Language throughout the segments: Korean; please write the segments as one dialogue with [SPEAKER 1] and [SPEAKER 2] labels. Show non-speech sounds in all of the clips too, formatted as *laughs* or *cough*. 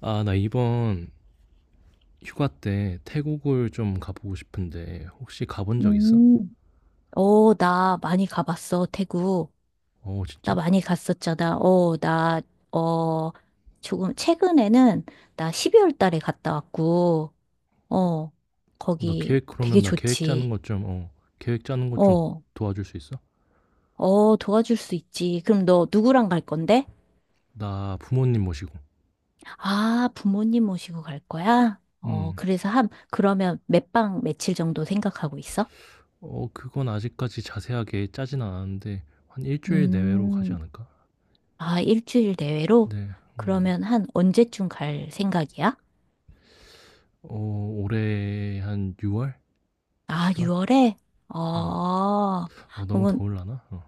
[SPEAKER 1] 아, 나 이번 휴가 때 태국을 좀 가보고 싶은데 혹시 가본 적 있어?
[SPEAKER 2] 음, 나 많이 가봤어, 태국.
[SPEAKER 1] 어,
[SPEAKER 2] 나
[SPEAKER 1] 진짜?
[SPEAKER 2] 많이 갔었잖아. 어, 조금, 최근에는 나 12월 달에 갔다 왔고, 어,
[SPEAKER 1] 어, 나
[SPEAKER 2] 거기
[SPEAKER 1] 계획
[SPEAKER 2] 되게
[SPEAKER 1] 그러면 나 계획 짜는
[SPEAKER 2] 좋지.
[SPEAKER 1] 것 좀, 계획 짜는 것 좀
[SPEAKER 2] 어,
[SPEAKER 1] 도와줄 수 있어?
[SPEAKER 2] 도와줄 수 있지. 그럼 너 누구랑 갈 건데?
[SPEAKER 1] 나 부모님 모시고.
[SPEAKER 2] 아, 부모님 모시고 갈 거야?
[SPEAKER 1] 음.
[SPEAKER 2] 그래서 그러면 몇 박 며칠 정도 생각하고 있어?
[SPEAKER 1] 어, 그건 아직까지 자세하게 짜진 않았는데 한 일주일 내외로 가지
[SPEAKER 2] 음,
[SPEAKER 1] 않을까?
[SPEAKER 2] 아, 일주일 내외로?
[SPEAKER 1] 네. 음.
[SPEAKER 2] 그러면 한 언제쯤 갈 생각이야?
[SPEAKER 1] 어, 올해 한 6월?
[SPEAKER 2] 아,
[SPEAKER 1] 7월?
[SPEAKER 2] 6월에?
[SPEAKER 1] 어.
[SPEAKER 2] 아,
[SPEAKER 1] 어, 너무
[SPEAKER 2] 그러면,
[SPEAKER 1] 더울라나? 어.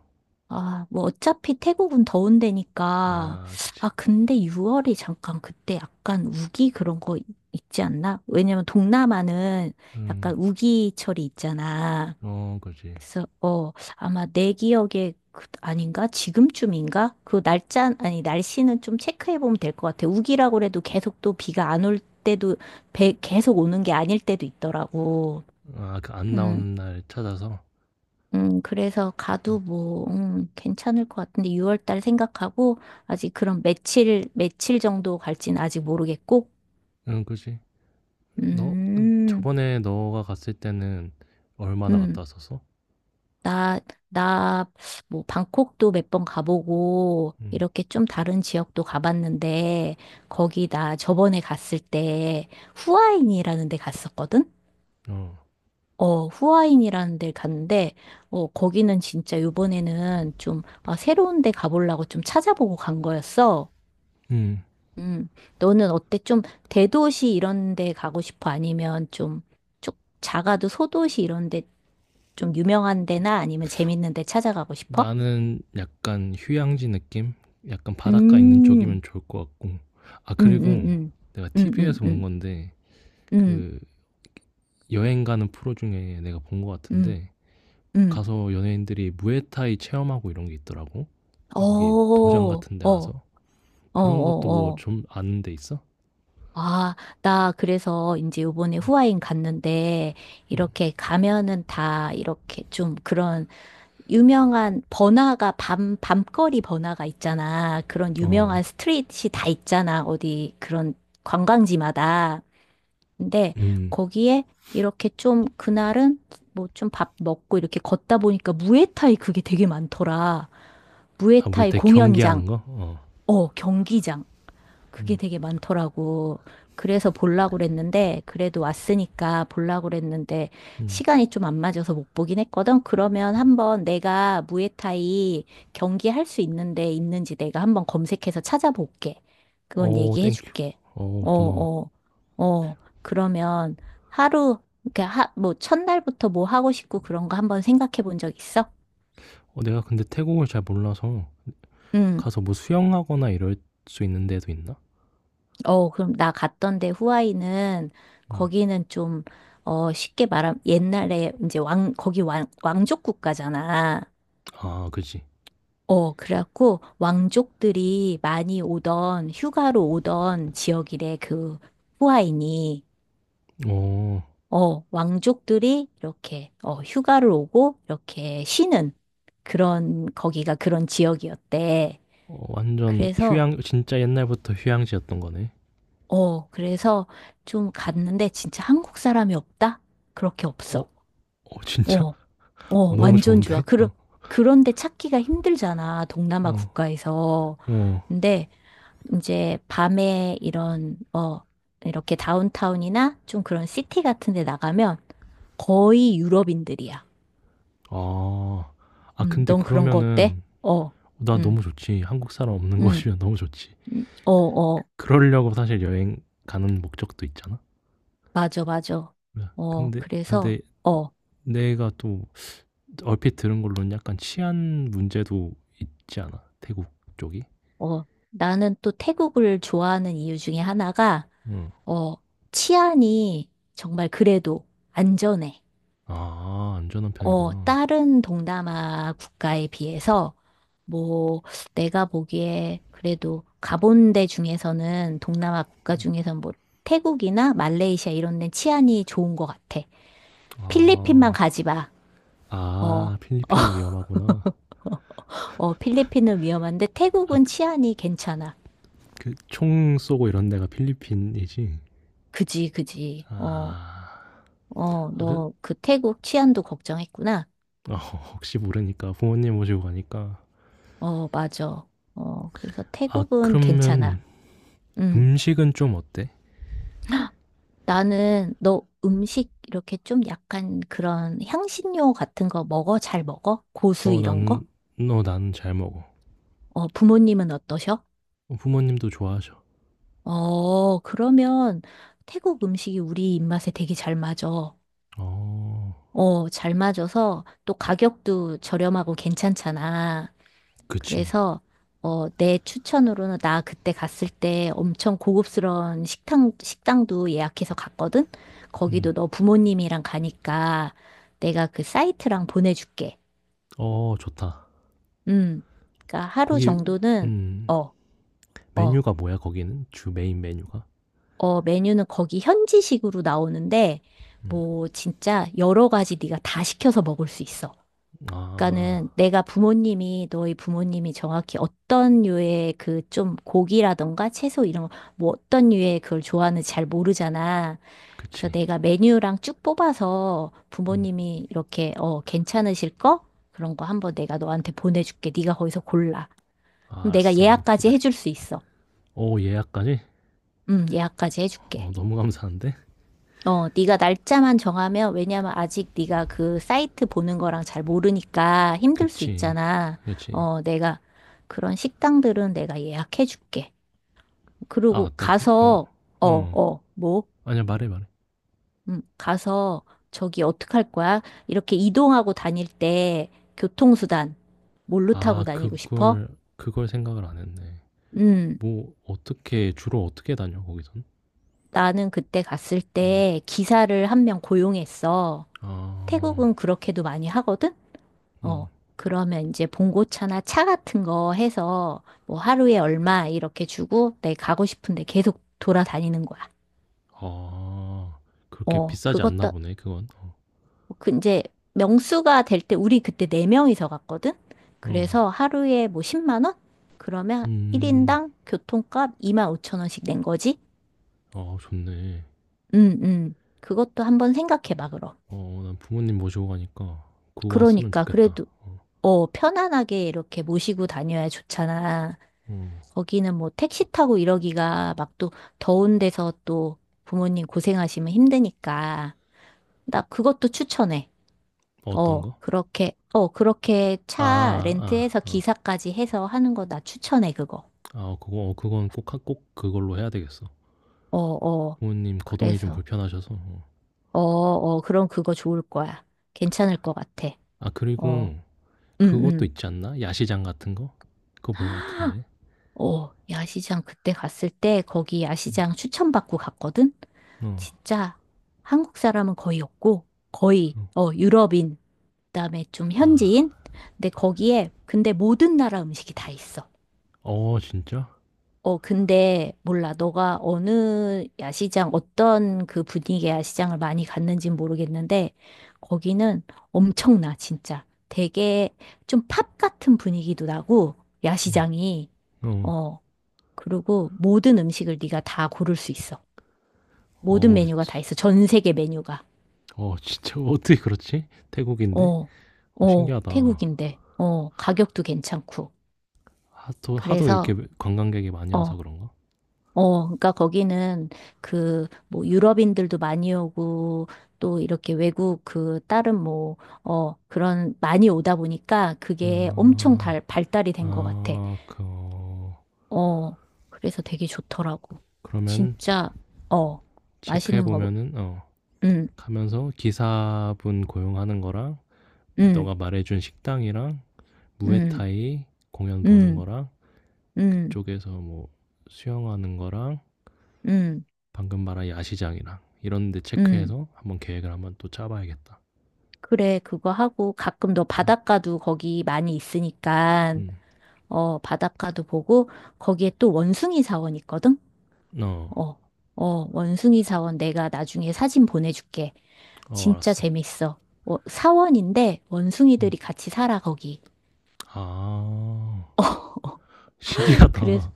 [SPEAKER 2] 아, 뭐, 어차피 태국은 더운 데니까.
[SPEAKER 1] 아, 그치.
[SPEAKER 2] 아, 근데 6월이 잠깐 그때 약간 우기 그런 거 있지 않나? 왜냐면 동남아는
[SPEAKER 1] 음.
[SPEAKER 2] 약간 우기철이 있잖아.
[SPEAKER 1] 어, 그지.
[SPEAKER 2] 그래서, 아마 내 기억에 아닌가? 지금쯤인가? 그 날짜, 아니, 날씨는 좀 체크해보면 될 것 같아. 우기라고 해도 계속 또 비가 안 올 때도, 계속 오는 게 아닐 때도 있더라고.
[SPEAKER 1] 아, 그 안
[SPEAKER 2] 음.
[SPEAKER 1] 나오는 날 찾아서.
[SPEAKER 2] 그래서
[SPEAKER 1] 어.
[SPEAKER 2] 가도 뭐, 괜찮을 것 같은데 6월 달 생각하고 아직 그런 며칠 정도 갈지는 아직 모르겠고,
[SPEAKER 1] 응, 그지. 너
[SPEAKER 2] 음,
[SPEAKER 1] 저번에 너가 갔을 때는 얼마나
[SPEAKER 2] 음,
[SPEAKER 1] 갔다 왔었어?
[SPEAKER 2] 나, 나, 뭐, 방콕도 몇 번 가보고,
[SPEAKER 1] 응,
[SPEAKER 2] 이렇게 좀 다른 지역도 가봤는데, 거기 나 저번에 갔을 때 후아인이라는 데 갔었거든?
[SPEAKER 1] 어,
[SPEAKER 2] 후아인이라는 데 갔는데, 거기는 진짜 요번에는 좀, 아, 새로운 데 가보려고 좀 찾아보고 간 거였어.
[SPEAKER 1] 응.
[SPEAKER 2] 음, 너는 어때? 좀 대도시 이런 데 가고 싶어? 아니면 좀, 쭉 작아도 소도시 이런 데 좀 유명한 데나 아니면 재밌는 데 찾아가고 싶어?
[SPEAKER 1] 나는 약간 휴양지 느낌? 약간 바닷가 있는
[SPEAKER 2] 음,
[SPEAKER 1] 쪽이면 좋을 것 같고. 아,
[SPEAKER 2] 음, 음,
[SPEAKER 1] 그리고
[SPEAKER 2] 음,
[SPEAKER 1] 내가
[SPEAKER 2] 음, 음,
[SPEAKER 1] TV에서 본
[SPEAKER 2] 음,
[SPEAKER 1] 건데,
[SPEAKER 2] 음,
[SPEAKER 1] 그 여행 가는 프로 중에 내가 본 것
[SPEAKER 2] 음,
[SPEAKER 1] 같은데,
[SPEAKER 2] 음.
[SPEAKER 1] 가서 연예인들이 무에타이 체험하고 이런 게 있더라고.
[SPEAKER 2] 어,
[SPEAKER 1] 여기 도장
[SPEAKER 2] 어,
[SPEAKER 1] 같은 데
[SPEAKER 2] 어,
[SPEAKER 1] 가서.
[SPEAKER 2] 어,
[SPEAKER 1] 그런 것도 뭐
[SPEAKER 2] 어.
[SPEAKER 1] 좀 아는 데 있어?
[SPEAKER 2] 아, 나 그래서 이제 요번에 후아인 갔는데 이렇게 가면은 다 이렇게 좀 그런 유명한 번화가, 밤거리 번화가 있잖아. 그런
[SPEAKER 1] 어,
[SPEAKER 2] 유명한 스트릿이 다 있잖아. 어디 그런 관광지마다. 근데
[SPEAKER 1] 음.
[SPEAKER 2] 거기에 이렇게 좀 그날은 뭐 좀 밥 먹고 이렇게 걷다 보니까 무에타이 그게 되게 많더라.
[SPEAKER 1] 아,
[SPEAKER 2] 무에타이
[SPEAKER 1] 무에타이 경기하는
[SPEAKER 2] 공연장,
[SPEAKER 1] 거? 어.
[SPEAKER 2] 경기장. 그게 되게 많더라고. 그래서 보려고 그랬는데, 그래도 왔으니까 보려고 그랬는데,
[SPEAKER 1] 음.
[SPEAKER 2] 시간이 좀 안 맞아서 못 보긴 했거든. 그러면 한번 내가 무에타이 경기 할 수 있는데 있는지 내가 한번 검색해서 찾아볼게. 그건
[SPEAKER 1] 어
[SPEAKER 2] 얘기해
[SPEAKER 1] 땡큐.
[SPEAKER 2] 줄게.
[SPEAKER 1] 어
[SPEAKER 2] 어,
[SPEAKER 1] 고마워.
[SPEAKER 2] 어, 어. 그러면 하루, 그러니까 뭐 첫날부터 뭐 하고 싶고 그런 거 한번 생각해 본 적 있어?
[SPEAKER 1] 어 내가 근데 태국을 잘 몰라서
[SPEAKER 2] 응.
[SPEAKER 1] 가서 뭐 수영하거나 이럴 수 있는 데도 있나?
[SPEAKER 2] 그럼 나 갔던 데 후아이는
[SPEAKER 1] 음.
[SPEAKER 2] 거기는 좀, 쉽게 말하면 옛날에 이제 왕족 국가잖아.
[SPEAKER 1] 아 그지.
[SPEAKER 2] 그래갖고 왕족들이 많이 오던 휴가로 오던 지역이래, 그 후아인이.
[SPEAKER 1] 어.
[SPEAKER 2] 왕족들이 이렇게, 휴가를 오고 이렇게 쉬는 그런, 거기가 그런 지역이었대.
[SPEAKER 1] 어 완전
[SPEAKER 2] 그래서,
[SPEAKER 1] 휴양 진짜 옛날부터 휴양지였던 거네.
[SPEAKER 2] 그래서 좀 갔는데 진짜 한국 사람이 없다? 그렇게
[SPEAKER 1] 어?
[SPEAKER 2] 없어.
[SPEAKER 1] 어 진짜?
[SPEAKER 2] 어.
[SPEAKER 1] *laughs* 어 너무
[SPEAKER 2] 완전 좋아.
[SPEAKER 1] 좋은데? 어.
[SPEAKER 2] 그런데 찾기가 힘들잖아, 동남아
[SPEAKER 1] 어.
[SPEAKER 2] 국가에서.
[SPEAKER 1] 어.
[SPEAKER 2] 근데 이제 밤에 이런, 이렇게 다운타운이나 좀 그런 시티 같은 데 나가면 거의 유럽인들이야.
[SPEAKER 1] 아. 아 근데
[SPEAKER 2] 넌 그런 거 어때?
[SPEAKER 1] 그러면은
[SPEAKER 2] 어,
[SPEAKER 1] 나
[SPEAKER 2] 음,
[SPEAKER 1] 너무 좋지. 한국 사람 없는 *laughs*
[SPEAKER 2] 음,
[SPEAKER 1] 곳이면 너무 좋지.
[SPEAKER 2] 음, 어,
[SPEAKER 1] 그
[SPEAKER 2] 어,
[SPEAKER 1] 그러려고 사실 여행 가는 목적도 있잖아.
[SPEAKER 2] 맞아, 맞아.
[SPEAKER 1] 네. 근데
[SPEAKER 2] 그래서,
[SPEAKER 1] 근데
[SPEAKER 2] 어,
[SPEAKER 1] 내가 또 얼핏 들은 걸로는 약간 치안 문제도 있지 않아? 태국 쪽이?
[SPEAKER 2] 어, 나는 또 태국을 좋아하는 이유 중에 하나가,
[SPEAKER 1] 응.
[SPEAKER 2] 어, 치안이 정말 그래도 안전해.
[SPEAKER 1] 아 안전한 편이구나.
[SPEAKER 2] 다른 동남아 국가에 비해서, 뭐, 내가 보기에 그래도 가본 데 중에서는, 동남아 국가 중에서는 뭐, 태국이나 말레이시아 이런 데 치안이 좋은 것 같아. 필리핀만
[SPEAKER 1] 아.
[SPEAKER 2] 가지 마. 어,
[SPEAKER 1] 아 필리핀이 위험하구나.
[SPEAKER 2] 필리핀은 위험한데 태국은
[SPEAKER 1] 아
[SPEAKER 2] 치안이 괜찮아.
[SPEAKER 1] 그 총 쏘고 이런 데가 필리핀이지?
[SPEAKER 2] 그지, 그지.
[SPEAKER 1] 아. 아 그
[SPEAKER 2] 너 그 태국 치안도 걱정했구나.
[SPEAKER 1] 어 혹시 모르니까 부모님 모시고 가니까.
[SPEAKER 2] 맞아. 그래서
[SPEAKER 1] 아
[SPEAKER 2] 태국은
[SPEAKER 1] 그러면
[SPEAKER 2] 괜찮아. 음.
[SPEAKER 1] 음식은 좀 어때?
[SPEAKER 2] 나는 너 음식 이렇게 좀 약간 그런 향신료 같은 거 먹어? 잘 먹어? 고수
[SPEAKER 1] 어
[SPEAKER 2] 이런 거?
[SPEAKER 1] 나는 너 나는 잘 먹어.
[SPEAKER 2] 부모님은 어떠셔?
[SPEAKER 1] 어 부모님도 좋아하셔.
[SPEAKER 2] 그러면 태국 음식이 우리 입맛에 되게 잘 맞아.
[SPEAKER 1] 어.
[SPEAKER 2] 잘 맞아서 또 가격도 저렴하고 괜찮잖아.
[SPEAKER 1] 그치.
[SPEAKER 2] 그래서 내 추천으로는 나 그때 갔을 때 엄청 고급스러운 식당도 예약해서 갔거든.
[SPEAKER 1] 음.
[SPEAKER 2] 거기도 너 부모님이랑 가니까 내가 그 사이트랑 보내줄게.
[SPEAKER 1] 어 좋다.
[SPEAKER 2] 음. 그러니까 하루
[SPEAKER 1] 거기
[SPEAKER 2] 정도는
[SPEAKER 1] 음.
[SPEAKER 2] 어, 어,
[SPEAKER 1] 메뉴가 뭐야 거기는? 주 메인 메뉴가?
[SPEAKER 2] 메뉴는 거기 현지식으로 나오는데 뭐 진짜 여러 가지 네가 다 시켜서 먹을 수 있어.
[SPEAKER 1] 아
[SPEAKER 2] 그러니까는 내가 부모님이 너희 부모님이 정확히 어떤 류의 그 좀 고기라던가 채소 이런 거 뭐 어떤 류의 그걸 좋아하는지 잘 모르잖아. 그래서
[SPEAKER 1] 그치
[SPEAKER 2] 내가 메뉴랑 쭉 뽑아서
[SPEAKER 1] 음,
[SPEAKER 2] 부모님이 이렇게 괜찮으실 거 그런 거 한번 내가 너한테 보내줄게. 네가 거기서 골라. 그럼 내가
[SPEAKER 1] 알았어 한번
[SPEAKER 2] 예약까지 해줄
[SPEAKER 1] 기다릴게.
[SPEAKER 2] 수 있어.
[SPEAKER 1] 오 예약까지?
[SPEAKER 2] 예약까지
[SPEAKER 1] 어
[SPEAKER 2] 해줄게.
[SPEAKER 1] 너무 감사한데?
[SPEAKER 2] 네가 날짜만 정하면 왜냐면 아직 네가 그 사이트 보는 거랑 잘 모르니까 힘들 수
[SPEAKER 1] 그치
[SPEAKER 2] 있잖아.
[SPEAKER 1] 그치.
[SPEAKER 2] 내가 그런 식당들은 내가 예약해 줄게.
[SPEAKER 1] 아
[SPEAKER 2] 그리고
[SPEAKER 1] 맞다
[SPEAKER 2] 가서
[SPEAKER 1] 그어어.
[SPEAKER 2] 뭐?
[SPEAKER 1] 아니야 말해 말해.
[SPEAKER 2] 가서 저기 어떡할 거야? 이렇게 이동하고 다닐 때 교통수단 뭘로
[SPEAKER 1] 아
[SPEAKER 2] 타고 다니고 싶어?
[SPEAKER 1] 그걸 생각을 안 했네.
[SPEAKER 2] 음,
[SPEAKER 1] 뭐 어떻게 주로 어떻게 다녀 거기선?
[SPEAKER 2] 나는 그때 갔을
[SPEAKER 1] 음,
[SPEAKER 2] 때 기사를 한 명 고용했어.
[SPEAKER 1] 아,
[SPEAKER 2] 태국은 그렇게도 많이 하거든?
[SPEAKER 1] 음,
[SPEAKER 2] 어, 그러면 이제 봉고차나 차 같은 거 해서 뭐 하루에 얼마 이렇게 주고 내 가고 싶은데 계속 돌아다니는 거야.
[SPEAKER 1] 아 그렇게 비싸지 않나
[SPEAKER 2] 그것도
[SPEAKER 1] 보네 그건. 어,
[SPEAKER 2] 그 이제 명수가 될 때 우리 그때 네 명이서 갔거든.
[SPEAKER 1] 어
[SPEAKER 2] 그래서 하루에 뭐 10만 원? 그러면
[SPEAKER 1] 음,
[SPEAKER 2] 1인당 교통값 2만 5천 원씩 낸 거지?
[SPEAKER 1] 아 좋네.
[SPEAKER 2] 그것도 한번 생각해 봐, 그럼.
[SPEAKER 1] 어 난 부모님 모시고 가니까 그거 왔으면
[SPEAKER 2] 그러니까
[SPEAKER 1] 좋겠다.
[SPEAKER 2] 그래도 편안하게 이렇게 모시고 다녀야 좋잖아.
[SPEAKER 1] 어.
[SPEAKER 2] 거기는 뭐 택시 타고 이러기가 막 또 더운 데서 또 부모님 고생하시면 힘드니까. 나 그것도 추천해.
[SPEAKER 1] 어떤 거?
[SPEAKER 2] 그렇게
[SPEAKER 1] 아
[SPEAKER 2] 차
[SPEAKER 1] 아
[SPEAKER 2] 렌트해서
[SPEAKER 1] 아. 어.
[SPEAKER 2] 기사까지 해서 하는 거 나 추천해, 그거.
[SPEAKER 1] 아 어, 그거 어 그건 꼭 하 꼭 그걸로 해야 되겠어.
[SPEAKER 2] 어, 어.
[SPEAKER 1] 부모님 거동이 좀
[SPEAKER 2] 그래서,
[SPEAKER 1] 불편하셔서. 어.
[SPEAKER 2] 그럼 그거 좋을 거야. 괜찮을 것 같아.
[SPEAKER 1] 아
[SPEAKER 2] 어,
[SPEAKER 1] 그리고
[SPEAKER 2] 응,
[SPEAKER 1] 그것도
[SPEAKER 2] 응.
[SPEAKER 1] 있지 않나? 야시장 같은 거? 그거 본 것
[SPEAKER 2] *gasps*
[SPEAKER 1] 같은데.
[SPEAKER 2] 야시장 그때 갔을 때 거기
[SPEAKER 1] 음.
[SPEAKER 2] 야시장 추천받고 갔거든?
[SPEAKER 1] 어.
[SPEAKER 2] 진짜 한국 사람은 거의 없고 거의
[SPEAKER 1] 어.
[SPEAKER 2] 유럽인 그다음에 좀 현지인
[SPEAKER 1] 아.
[SPEAKER 2] 근데 거기에 근데 모든 나라 음식이 다 있어.
[SPEAKER 1] 어 진짜?
[SPEAKER 2] 근데 몰라 너가 어느 야시장 어떤 그 분위기의 야시장을 많이 갔는진 모르겠는데 거기는 엄청나 진짜 되게 좀 팝 같은 분위기도 나고
[SPEAKER 1] 음.
[SPEAKER 2] 야시장이
[SPEAKER 1] 어.
[SPEAKER 2] 어 그리고 모든 음식을 네가 다 고를 수 있어. 모든
[SPEAKER 1] 어우
[SPEAKER 2] 메뉴가 다
[SPEAKER 1] 지
[SPEAKER 2] 있어. 전 세계 메뉴가.
[SPEAKER 1] 어 진짜 *laughs* 어떻게 그렇지? 태국인데?
[SPEAKER 2] 어,
[SPEAKER 1] 어 신기하다.
[SPEAKER 2] 태국인데, 가격도 괜찮고.
[SPEAKER 1] 하도 하도 이렇게
[SPEAKER 2] 그래서,
[SPEAKER 1] 관광객이 많이
[SPEAKER 2] 어,
[SPEAKER 1] 와서 그런가?
[SPEAKER 2] 그러니까 거기는 그, 뭐, 유럽인들도 많이 오고, 또 이렇게 외국 그, 다른 뭐, 그런, 많이 오다 보니까 그게 엄청
[SPEAKER 1] 아.
[SPEAKER 2] 발달이 된 것 같아.
[SPEAKER 1] 아 그 어
[SPEAKER 2] 어, 그래서 되게 좋더라고.
[SPEAKER 1] 그러면
[SPEAKER 2] 진짜, 어,
[SPEAKER 1] 체크해
[SPEAKER 2] 맛있는 거,
[SPEAKER 1] 보면은 어
[SPEAKER 2] 음,
[SPEAKER 1] 가면서 기사분 고용하는 거랑
[SPEAKER 2] 음,
[SPEAKER 1] 너가 말해 준 식당이랑
[SPEAKER 2] 음,
[SPEAKER 1] 무에타이 공연 보는
[SPEAKER 2] 음,
[SPEAKER 1] 거랑
[SPEAKER 2] 음,
[SPEAKER 1] 그쪽에서 뭐 수영하는 거랑
[SPEAKER 2] 음,
[SPEAKER 1] 방금 말한 야시장이랑 이런 데
[SPEAKER 2] 음.
[SPEAKER 1] 체크해서 한번 계획을 한번 또 짜 봐야겠다.
[SPEAKER 2] 그래, 그거 하고 가끔 너
[SPEAKER 1] 음.
[SPEAKER 2] 바닷가도 거기 많이 있으니까,
[SPEAKER 1] 음.
[SPEAKER 2] 바닷가도 보고 거기에 또 원숭이 사원 있거든?
[SPEAKER 1] 어.
[SPEAKER 2] 어, 원숭이 사원 내가 나중에 사진 보내줄게.
[SPEAKER 1] 어
[SPEAKER 2] 진짜
[SPEAKER 1] 알았어.
[SPEAKER 2] 재밌어. 사원인데
[SPEAKER 1] 음.
[SPEAKER 2] 원숭이들이 같이 살아, 거기.
[SPEAKER 1] 아.
[SPEAKER 2] *laughs* 그래서
[SPEAKER 1] 신기하다.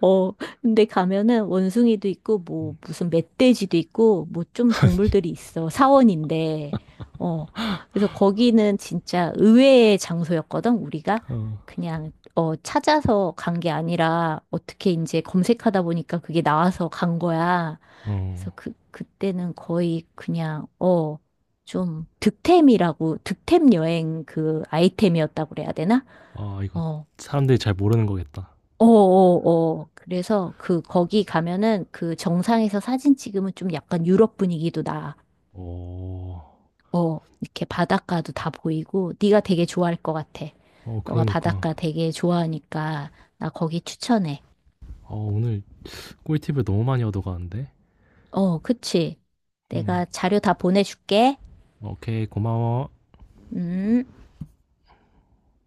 [SPEAKER 2] 어, 근데 가면은 원숭이도 있고,
[SPEAKER 1] 음.
[SPEAKER 2] 뭐, 무슨 멧돼지도 있고, 뭐 좀 동물들이 있어. 사원인데, 어, 그래서 거기는 진짜 의외의 장소였거든, 우리가.
[SPEAKER 1] 어.
[SPEAKER 2] 그냥, 찾아서 간 게 아니라, 어떻게 이제 검색하다 보니까 그게 나와서 간 거야. 그래서
[SPEAKER 1] 어.
[SPEAKER 2] 그때는 거의 그냥, 좀 득템이라고, 득템 여행 그 아이템이었다고 그래야 되나?
[SPEAKER 1] 아 이거
[SPEAKER 2] 어.
[SPEAKER 1] 사람들이 잘 모르는 거겠다.
[SPEAKER 2] 어어어. 그래서 그 거기 가면은 그 정상에서 사진 찍으면 좀 약간 유럽 분위기도 나.
[SPEAKER 1] 오...
[SPEAKER 2] 어. 이렇게 바닷가도 다 보이고 네가 되게 좋아할 것 같아.
[SPEAKER 1] 어,
[SPEAKER 2] 너가
[SPEAKER 1] 그러니까.
[SPEAKER 2] 바닷가 되게 좋아하니까 나 거기 추천해.
[SPEAKER 1] 어, 오늘 꿀팁을 너무 많이 얻어가는데?
[SPEAKER 2] 그치.
[SPEAKER 1] 음,
[SPEAKER 2] 내가 자료 다 보내줄게.
[SPEAKER 1] 오케이, 고마워.
[SPEAKER 2] 음.